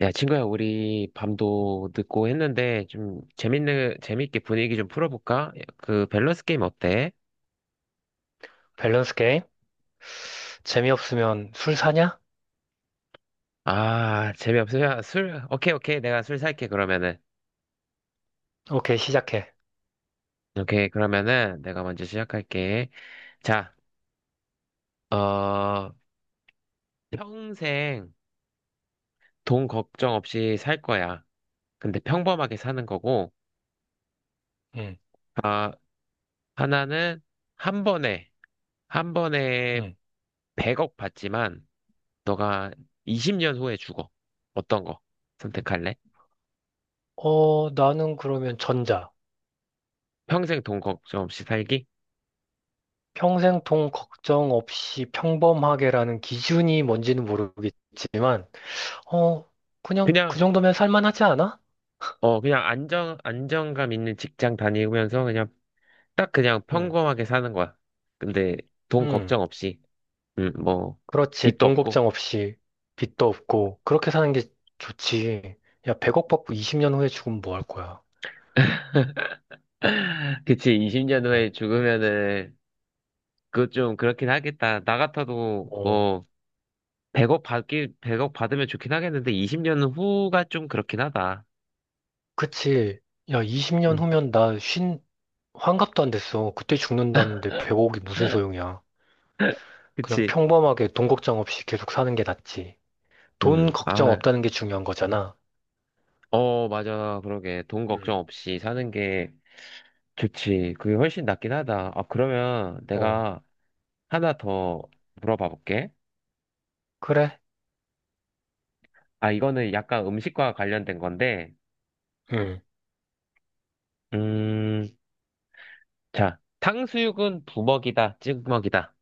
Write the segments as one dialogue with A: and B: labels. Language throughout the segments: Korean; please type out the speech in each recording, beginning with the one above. A: 야, 친구야, 우리 밤도 늦고 했는데 좀 재밌게 분위기 좀 풀어볼까? 그 밸런스 게임 어때?
B: 밸런스 게임? 재미없으면 술 사냐?
A: 재미없으면 술, 오케이, 오케이. 내가 술 살게, 그러면은.
B: 오케이, 시작해.
A: 오케이, 그러면은 내가 먼저 시작할게. 자, 어, 평생 돈 걱정 없이 살 거야. 근데 평범하게 사는 거고,
B: 응,
A: 아, 하나는 한 번에, 한 번에
B: 응.
A: 100억 받지만, 너가 20년 후에 죽어. 어떤 거 선택할래?
B: 어, 나는 그러면 전자.
A: 평생 돈 걱정 없이 살기?
B: 평생 돈 걱정 없이 평범하게라는 기준이 뭔지는 모르겠지만, 어, 그냥
A: 그냥,
B: 그 정도면 살만하지 않아?
A: 그냥 안정감 있는 직장 다니면서 그냥 딱 그냥
B: 응,
A: 평범하게 사는 거야. 근데 돈
B: 응.
A: 걱정 없이, 음, 뭐,
B: 그렇지.
A: 빚도
B: 돈
A: 없고.
B: 걱정 없이 빚도 없고, 그렇게 사는 게 좋지. 야, 100억 받고 20년 후에 죽으면 뭐 할 거야?
A: 그치, 20년
B: 어,
A: 후에 죽으면은, 그것 좀 그렇긴 하겠다. 나 같아도
B: 어.
A: 뭐, 100억 받으면 좋긴 하겠는데, 20년 후가 좀 그렇긴 하다.
B: 그치. 야, 20년
A: 응.
B: 후면 나 쉰, 환갑도 안 됐어. 그때 죽는다는데 배고 0억이 무슨 소용이야. 그냥
A: 그치?
B: 평범하게 돈 걱정 없이 계속 사는 게 낫지.
A: 응,
B: 돈 걱정 없다는 게 중요한 거잖아.
A: 맞아. 그러게. 돈 걱정
B: 음.
A: 없이 사는 게 좋지. 그게 훨씬 낫긴 하다. 그러면
B: 어,
A: 내가 하나 더 물어봐 볼게.
B: 그래?
A: 이거는 약간 음식과 관련된 건데,
B: 응.
A: 음, 자, 탕수육은 부먹이다, 찍먹이다.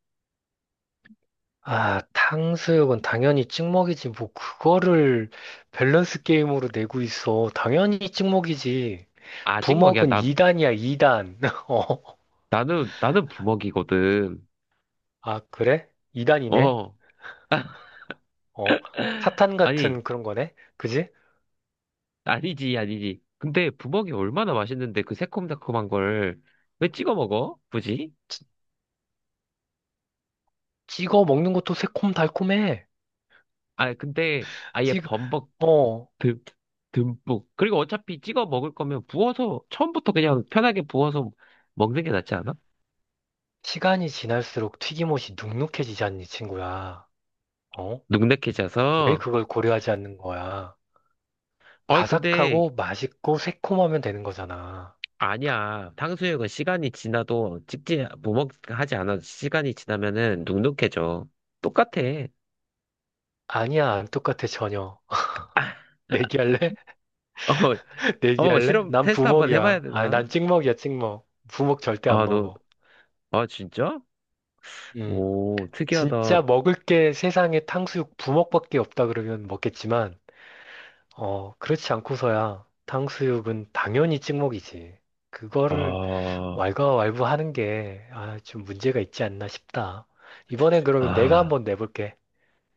B: 아, 탕수육은 당연히 찍먹이지. 뭐, 그거를 밸런스 게임으로 내고 있어. 당연히 찍먹이지.
A: 찍먹이야.
B: 부먹은 2단이야, 2단. 어,
A: 나는 부먹이거든.
B: 아, 그래? 2단이네?
A: 어,
B: 어, 사탄
A: 아니.
B: 같은 그런 거네? 그지?
A: 아니지, 아니지. 근데 부먹이 얼마나 맛있는데 그 새콤달콤한 걸 왜 찍어 먹어? 굳이?
B: 찌- 찍어 먹는 것도 새콤달콤해.
A: 근데 아예
B: 찍,
A: 범벅
B: 어,
A: 듬, 듬뿍. 그리고 어차피 찍어 먹을 거면 부어서 처음부터 그냥 편하게 부어서 먹는 게 낫지 않아?
B: 시간이 지날수록 튀김옷이 눅눅해지잖니, 친구야. 어? 왜
A: 눅눅해져서.
B: 그걸 고려하지 않는 거야?
A: 어이, 근데
B: 바삭하고 맛있고 새콤하면 되는 거잖아.
A: 아니야. 탕수육은 시간이 지나도 찍지, 부먹하지 않아도 시간이 지나면은 눅눅해져. 똑같아.
B: 아니야, 안 똑같아, 전혀. 내기할래?
A: 어, 어,
B: 내기할래?
A: 실험
B: 난
A: 테스트 한번 해봐야
B: 부먹이야. 아니,
A: 되나?
B: 난 찍먹이야, 찍먹. 부먹 절대 안
A: 아, 너,
B: 먹어.
A: 아, 진짜?
B: 음.
A: 오, 특이하다.
B: 진짜 먹을 게 세상에 탕수육 부먹밖에 없다 그러면 먹겠지만, 그렇지 않고서야 탕수육은 당연히 찍먹이지. 그거를
A: 아,
B: 왈가왈부 하는 게, 좀 문제가 있지 않나 싶다. 이번엔 그러면 내가
A: 아,
B: 한번 내볼게.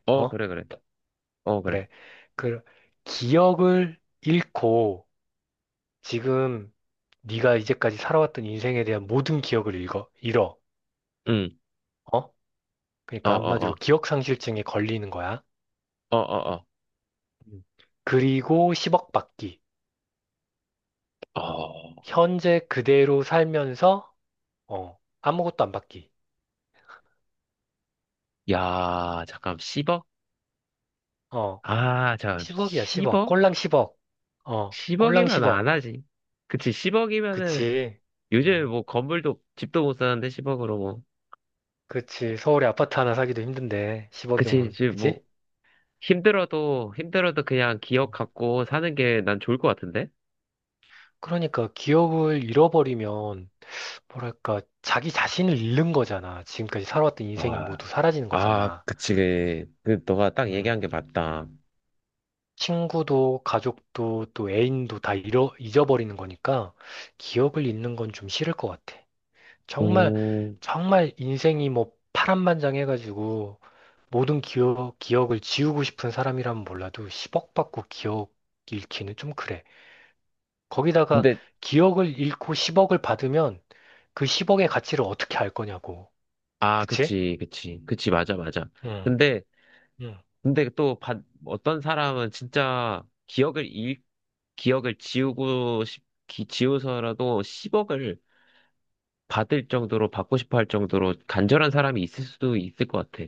A: 어,
B: 어?
A: 그래, 그래. 어, 그래.
B: 그래. 그, 기억을 잃고, 지금 네가 이제까지 살아왔던 인생에 대한 모든 기억을 읽어, 잃어.
A: 응,
B: 어?
A: 어,
B: 그러니까
A: 어,
B: 한마디로
A: 어,
B: 기억상실증에 걸리는 거야.
A: 어, 어,
B: 음. 그리고 10억 받기.
A: 어. 어,
B: 현재 그대로 살면서, 어, 아무것도 안 받기.
A: 야, 잠깐, 10억?
B: 어,
A: 잠깐,
B: 10억이야, 10억.
A: 10억?
B: 꼴랑 10억. 꼴랑
A: 10억이면 안
B: 10억.
A: 하지. 그치, 10억이면은,
B: 그치. 어,
A: 요즘에 뭐, 건물도, 집도 못 사는데, 10억으로 뭐.
B: 그치. 서울에 아파트 하나 사기도 힘든데,
A: 그치,
B: 10억이면,
A: 지금 뭐,
B: 그지?
A: 힘들어도, 힘들어도 그냥 기억 갖고 사는 게 난 좋을 것 같은데?
B: 그러니까 기억을 잃어버리면, 뭐랄까, 자기 자신을 잃는 거잖아. 지금까지 살아왔던 인생이
A: 아,
B: 모두 사라지는 거잖아.
A: 그치, 그 너가 딱
B: 음.
A: 얘기한 게 맞다.
B: 친구도, 가족도, 또 애인도 다 잃어, 잊어버리는 거니까, 기억을 잃는 건 좀 싫을 것 같아. 정말
A: 오,
B: 정말 인생이 뭐 파란만장해가지고 모든 기억을 지우고 싶은 사람이라면 몰라도 10억 받고 기억 잃기는 좀 그래. 거기다가
A: 근데
B: 기억을 잃고 10억을 받으면 그 10억의 가치를 어떻게 알 거냐고. 그치?
A: 그치, 그치, 그치, 맞아, 맞아.
B: 응,
A: 근데,
B: 응.
A: 근데 또 어떤 사람은 진짜 기억을 지우서라도 10억을 받고 싶어 할 정도로 간절한 사람이 있을 수도 있을 것 같아.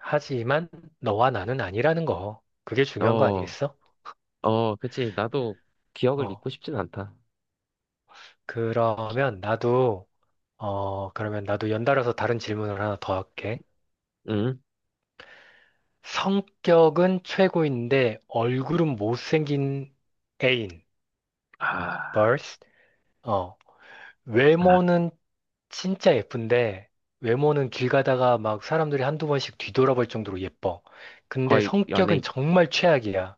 B: 하지만 너와 나는 아니라는 거. 그게 중요한 거
A: 어,
B: 아니겠어?
A: 어, 그치. 나도 기억을
B: 어.
A: 잊고 싶진 않다.
B: 그러면 나도 연달아서 다른 질문을 하나 더 할게.
A: 응?
B: 성격은 최고인데 얼굴은 못생긴 애인,
A: 아,
B: 벌스. 어,
A: 아,
B: 외모는 진짜 예쁜데 외모는 길 가다가 막 사람들이 한두 번씩 뒤돌아볼 정도로 예뻐. 근데
A: 거의
B: 성격은 정말 최악이야.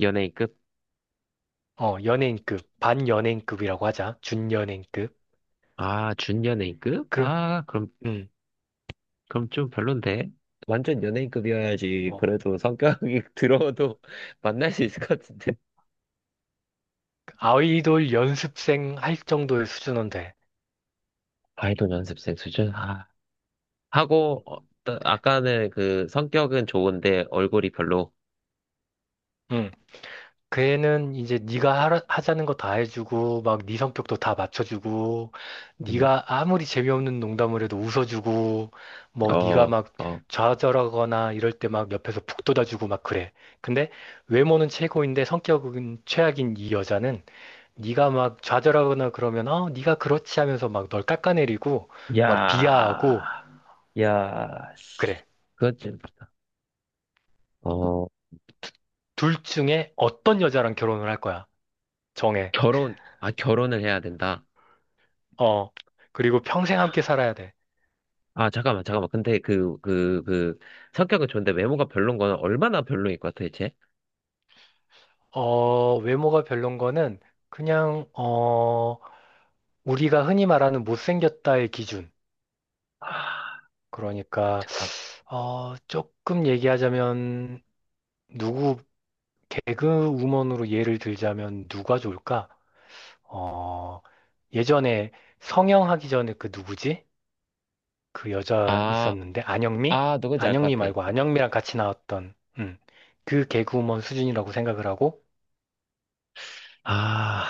A: 연예인급?
B: 연예인급, 반연예인급이라고 하자. 준연예인급.
A: 아, 준연예인급?
B: 그,
A: 아,
B: 음,
A: 그럼 좀 별론데? 완전 연예인급이어야지
B: 뭐
A: 그래도 성격이 들어도 만날 수 있을 것 같은데.
B: 아이돌 연습생 할 정도의 수준은 돼.
A: 아이돌 연습생 수준? 아. 하고 아까는 그 성격은 좋은데 얼굴이 별로.
B: 음. 그 애는 이제 네가 하자는 거 다 해주고 막 네 성격도 다 맞춰주고
A: 음,
B: 네가 아무리 재미없는 농담을 해도 웃어주고 뭐 네가
A: 어,
B: 막
A: 어.
B: 좌절하거나 이럴 때 막 옆에서 북돋아주고 막 그래. 근데 외모는 최고인데 성격은 최악인 이 여자는 네가 막 좌절하거나 그러면 네가 그렇지 하면서 막 널 깎아내리고 막
A: 야,
B: 비하하고
A: 야, 씨.
B: 그래.
A: 그건 좀. 어,
B: 둘 중에 어떤 여자랑 결혼을 할 거야? 정해.
A: 결혼. 아, 결혼을 해야 된다.
B: 어. 그리고 평생 함께 살아야 돼.
A: 아, 잠깐만, 잠깐만. 근데 성격은 좋은데 외모가 별론 거는 얼마나 별로일 것 같아, 대체?
B: 외모가 별론 거는 그냥, 우리가 흔히 말하는 못생겼다의 기준.
A: 아,
B: 그러니까, 조금 얘기하자면, 누구, 개그우먼으로 예를 들자면 누가 좋을까? 어, 예전에 성형하기 전에 그 누구지? 그 여자
A: 아,
B: 있었는데, 안영미?
A: 아, 누군지 알 것
B: 안영미
A: 같아.
B: 말고 안영미랑 같이 나왔던, 그 개그우먼 수준이라고 생각을 하고,
A: 아,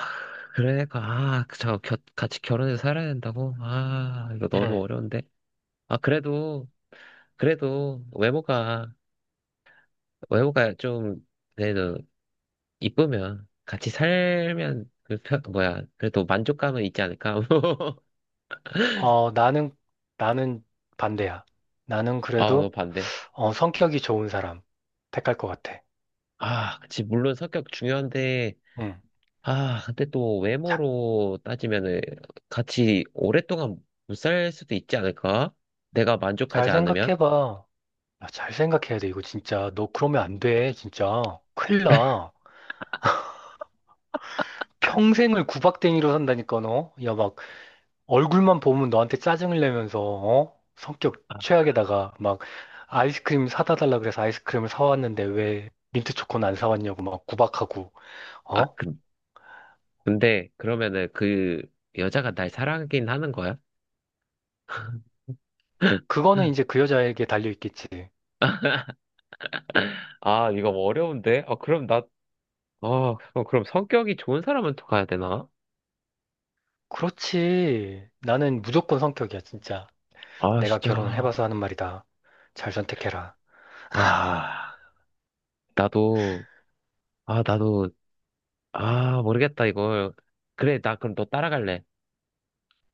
A: 그러니까, 같이 결혼해서 살아야 된다고? 아, 이거 너무
B: 음,
A: 어려운데? 아, 그래도, 그래도, 외모가 그래도, 이쁘면, 같이 살면, 그래도 만족감은 있지 않을까?
B: 어, 나는, 나는 반대야. 나는
A: 아, 너
B: 그래도
A: 반대.
B: 성격이 좋은 사람 택할 것 같아.
A: 아, 그치, 물론 성격 중요한데,
B: 응.
A: 아, 근데 또
B: 자,
A: 외모로 따지면은, 같이 오랫동안 못 살 수도 있지 않을까? 내가 만족하지
B: 잘
A: 않으면?
B: 생각해봐. 야, 잘 생각해야 돼, 이거 진짜. 너 그러면 안 돼, 진짜. 큰일 나. 평생을 구박댕이로 산다니까, 너. 야, 막, 얼굴만 보면 너한테 짜증을 내면서, 어? 성격
A: 아,
B: 최악에다가, 막, 아이스크림 사다 달라 그래서 아이스크림을 사왔는데 왜 민트 초코는 안 사왔냐고 막 구박하고,
A: 아,
B: 어?
A: 그 근데 그러면은 그 여자가 날 사랑하긴 하는 거야?
B: 그거는 이제 그 여자에게 달려있겠지.
A: 아, 이거 뭐 어려운데? 아, 그럼 성격이 좋은 사람한테 가야 되나?
B: 그렇지. 나는 무조건 성격이야, 진짜.
A: 아,
B: 내가 결혼을
A: 진짜.
B: 해봐서 하는 말이다. 잘 선택해라.
A: 아, 나도, 아, 나도, 아, 모르겠다, 이걸. 그래, 나 그럼 너 따라갈래.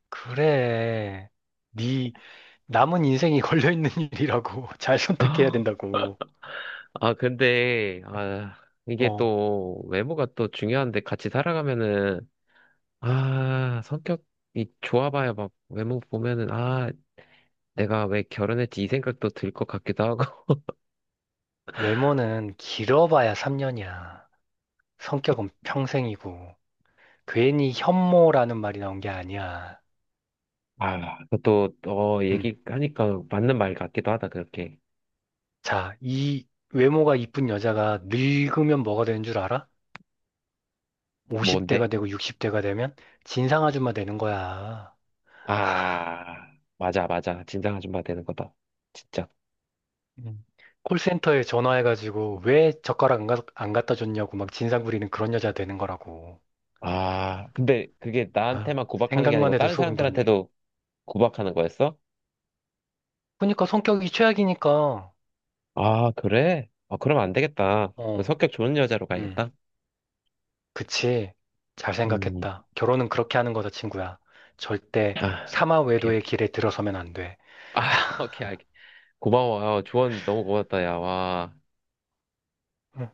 B: 그래. 네 남은 인생이 걸려있는 일이라고. 잘 선택해야 된다고.
A: 아, 근데, 아, 이게
B: 어,
A: 또, 외모가 또 중요한데 같이 살아가면은, 아, 성격이 좋아봐야 막 외모 보면은, 아, 내가 왜 결혼했지 이 생각도 들 것 같기도 하고,
B: 외모는 길어봐야 3년이야. 성격은 평생이고. 괜히 현모라는 말이 나온 게 아니야.
A: 아, 또, 어,
B: 음.
A: 얘기하니까 맞는 말 같기도 하다, 그렇게.
B: 자, 이 외모가 이쁜 여자가 늙으면 뭐가 되는 줄 알아?
A: 뭔데?
B: 50대가 되고 60대가 되면 진상 아줌마 되는 거야.
A: 아, 맞아, 맞아. 진상 아줌마 되는 거다. 진짜.
B: 음. 콜센터에 전화해가지고 왜 젓가락 안 갖다 줬냐고 막 진상 부리는 그런 여자 되는 거라고.
A: 아, 근데 그게
B: 아유,
A: 나한테만 구박하는 게
B: 생각만
A: 아니고
B: 해도
A: 다른
B: 소름 돋네.
A: 사람들한테도 구박하는 거였어?
B: 그러니까 성격이 최악이니까.
A: 아, 그래? 아, 그럼 안 되겠다.
B: 어,
A: 성격 좋은 여자로
B: 음,
A: 가야겠다.
B: 그치. 잘
A: 음,
B: 생각했다. 결혼은 그렇게 하는 거다, 친구야. 절대
A: 아,
B: 사마
A: 오케이,
B: 외도의
A: 오케이.
B: 길에 들어서면 안 돼.
A: 아, 오케이, 알겠. 고마워. 아, 조언 너무 고맙다, 야, 와.
B: 응.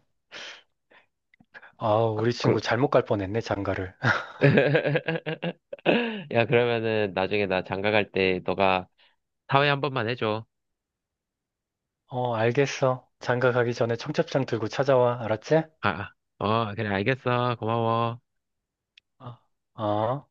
B: 아,
A: 그,
B: 우리
A: 그,
B: 친구 잘못 갈 뻔했네, 장가를.
A: 야, 그러면은 나중에 나 장가 갈 때 너가 사회 한 번만 해줘.
B: 어, 알겠어. 장가 가기 전에 청첩장 들고 찾아와, 알았지?
A: 아, 어, 그래, 알겠어. 고마워.
B: 어. 어.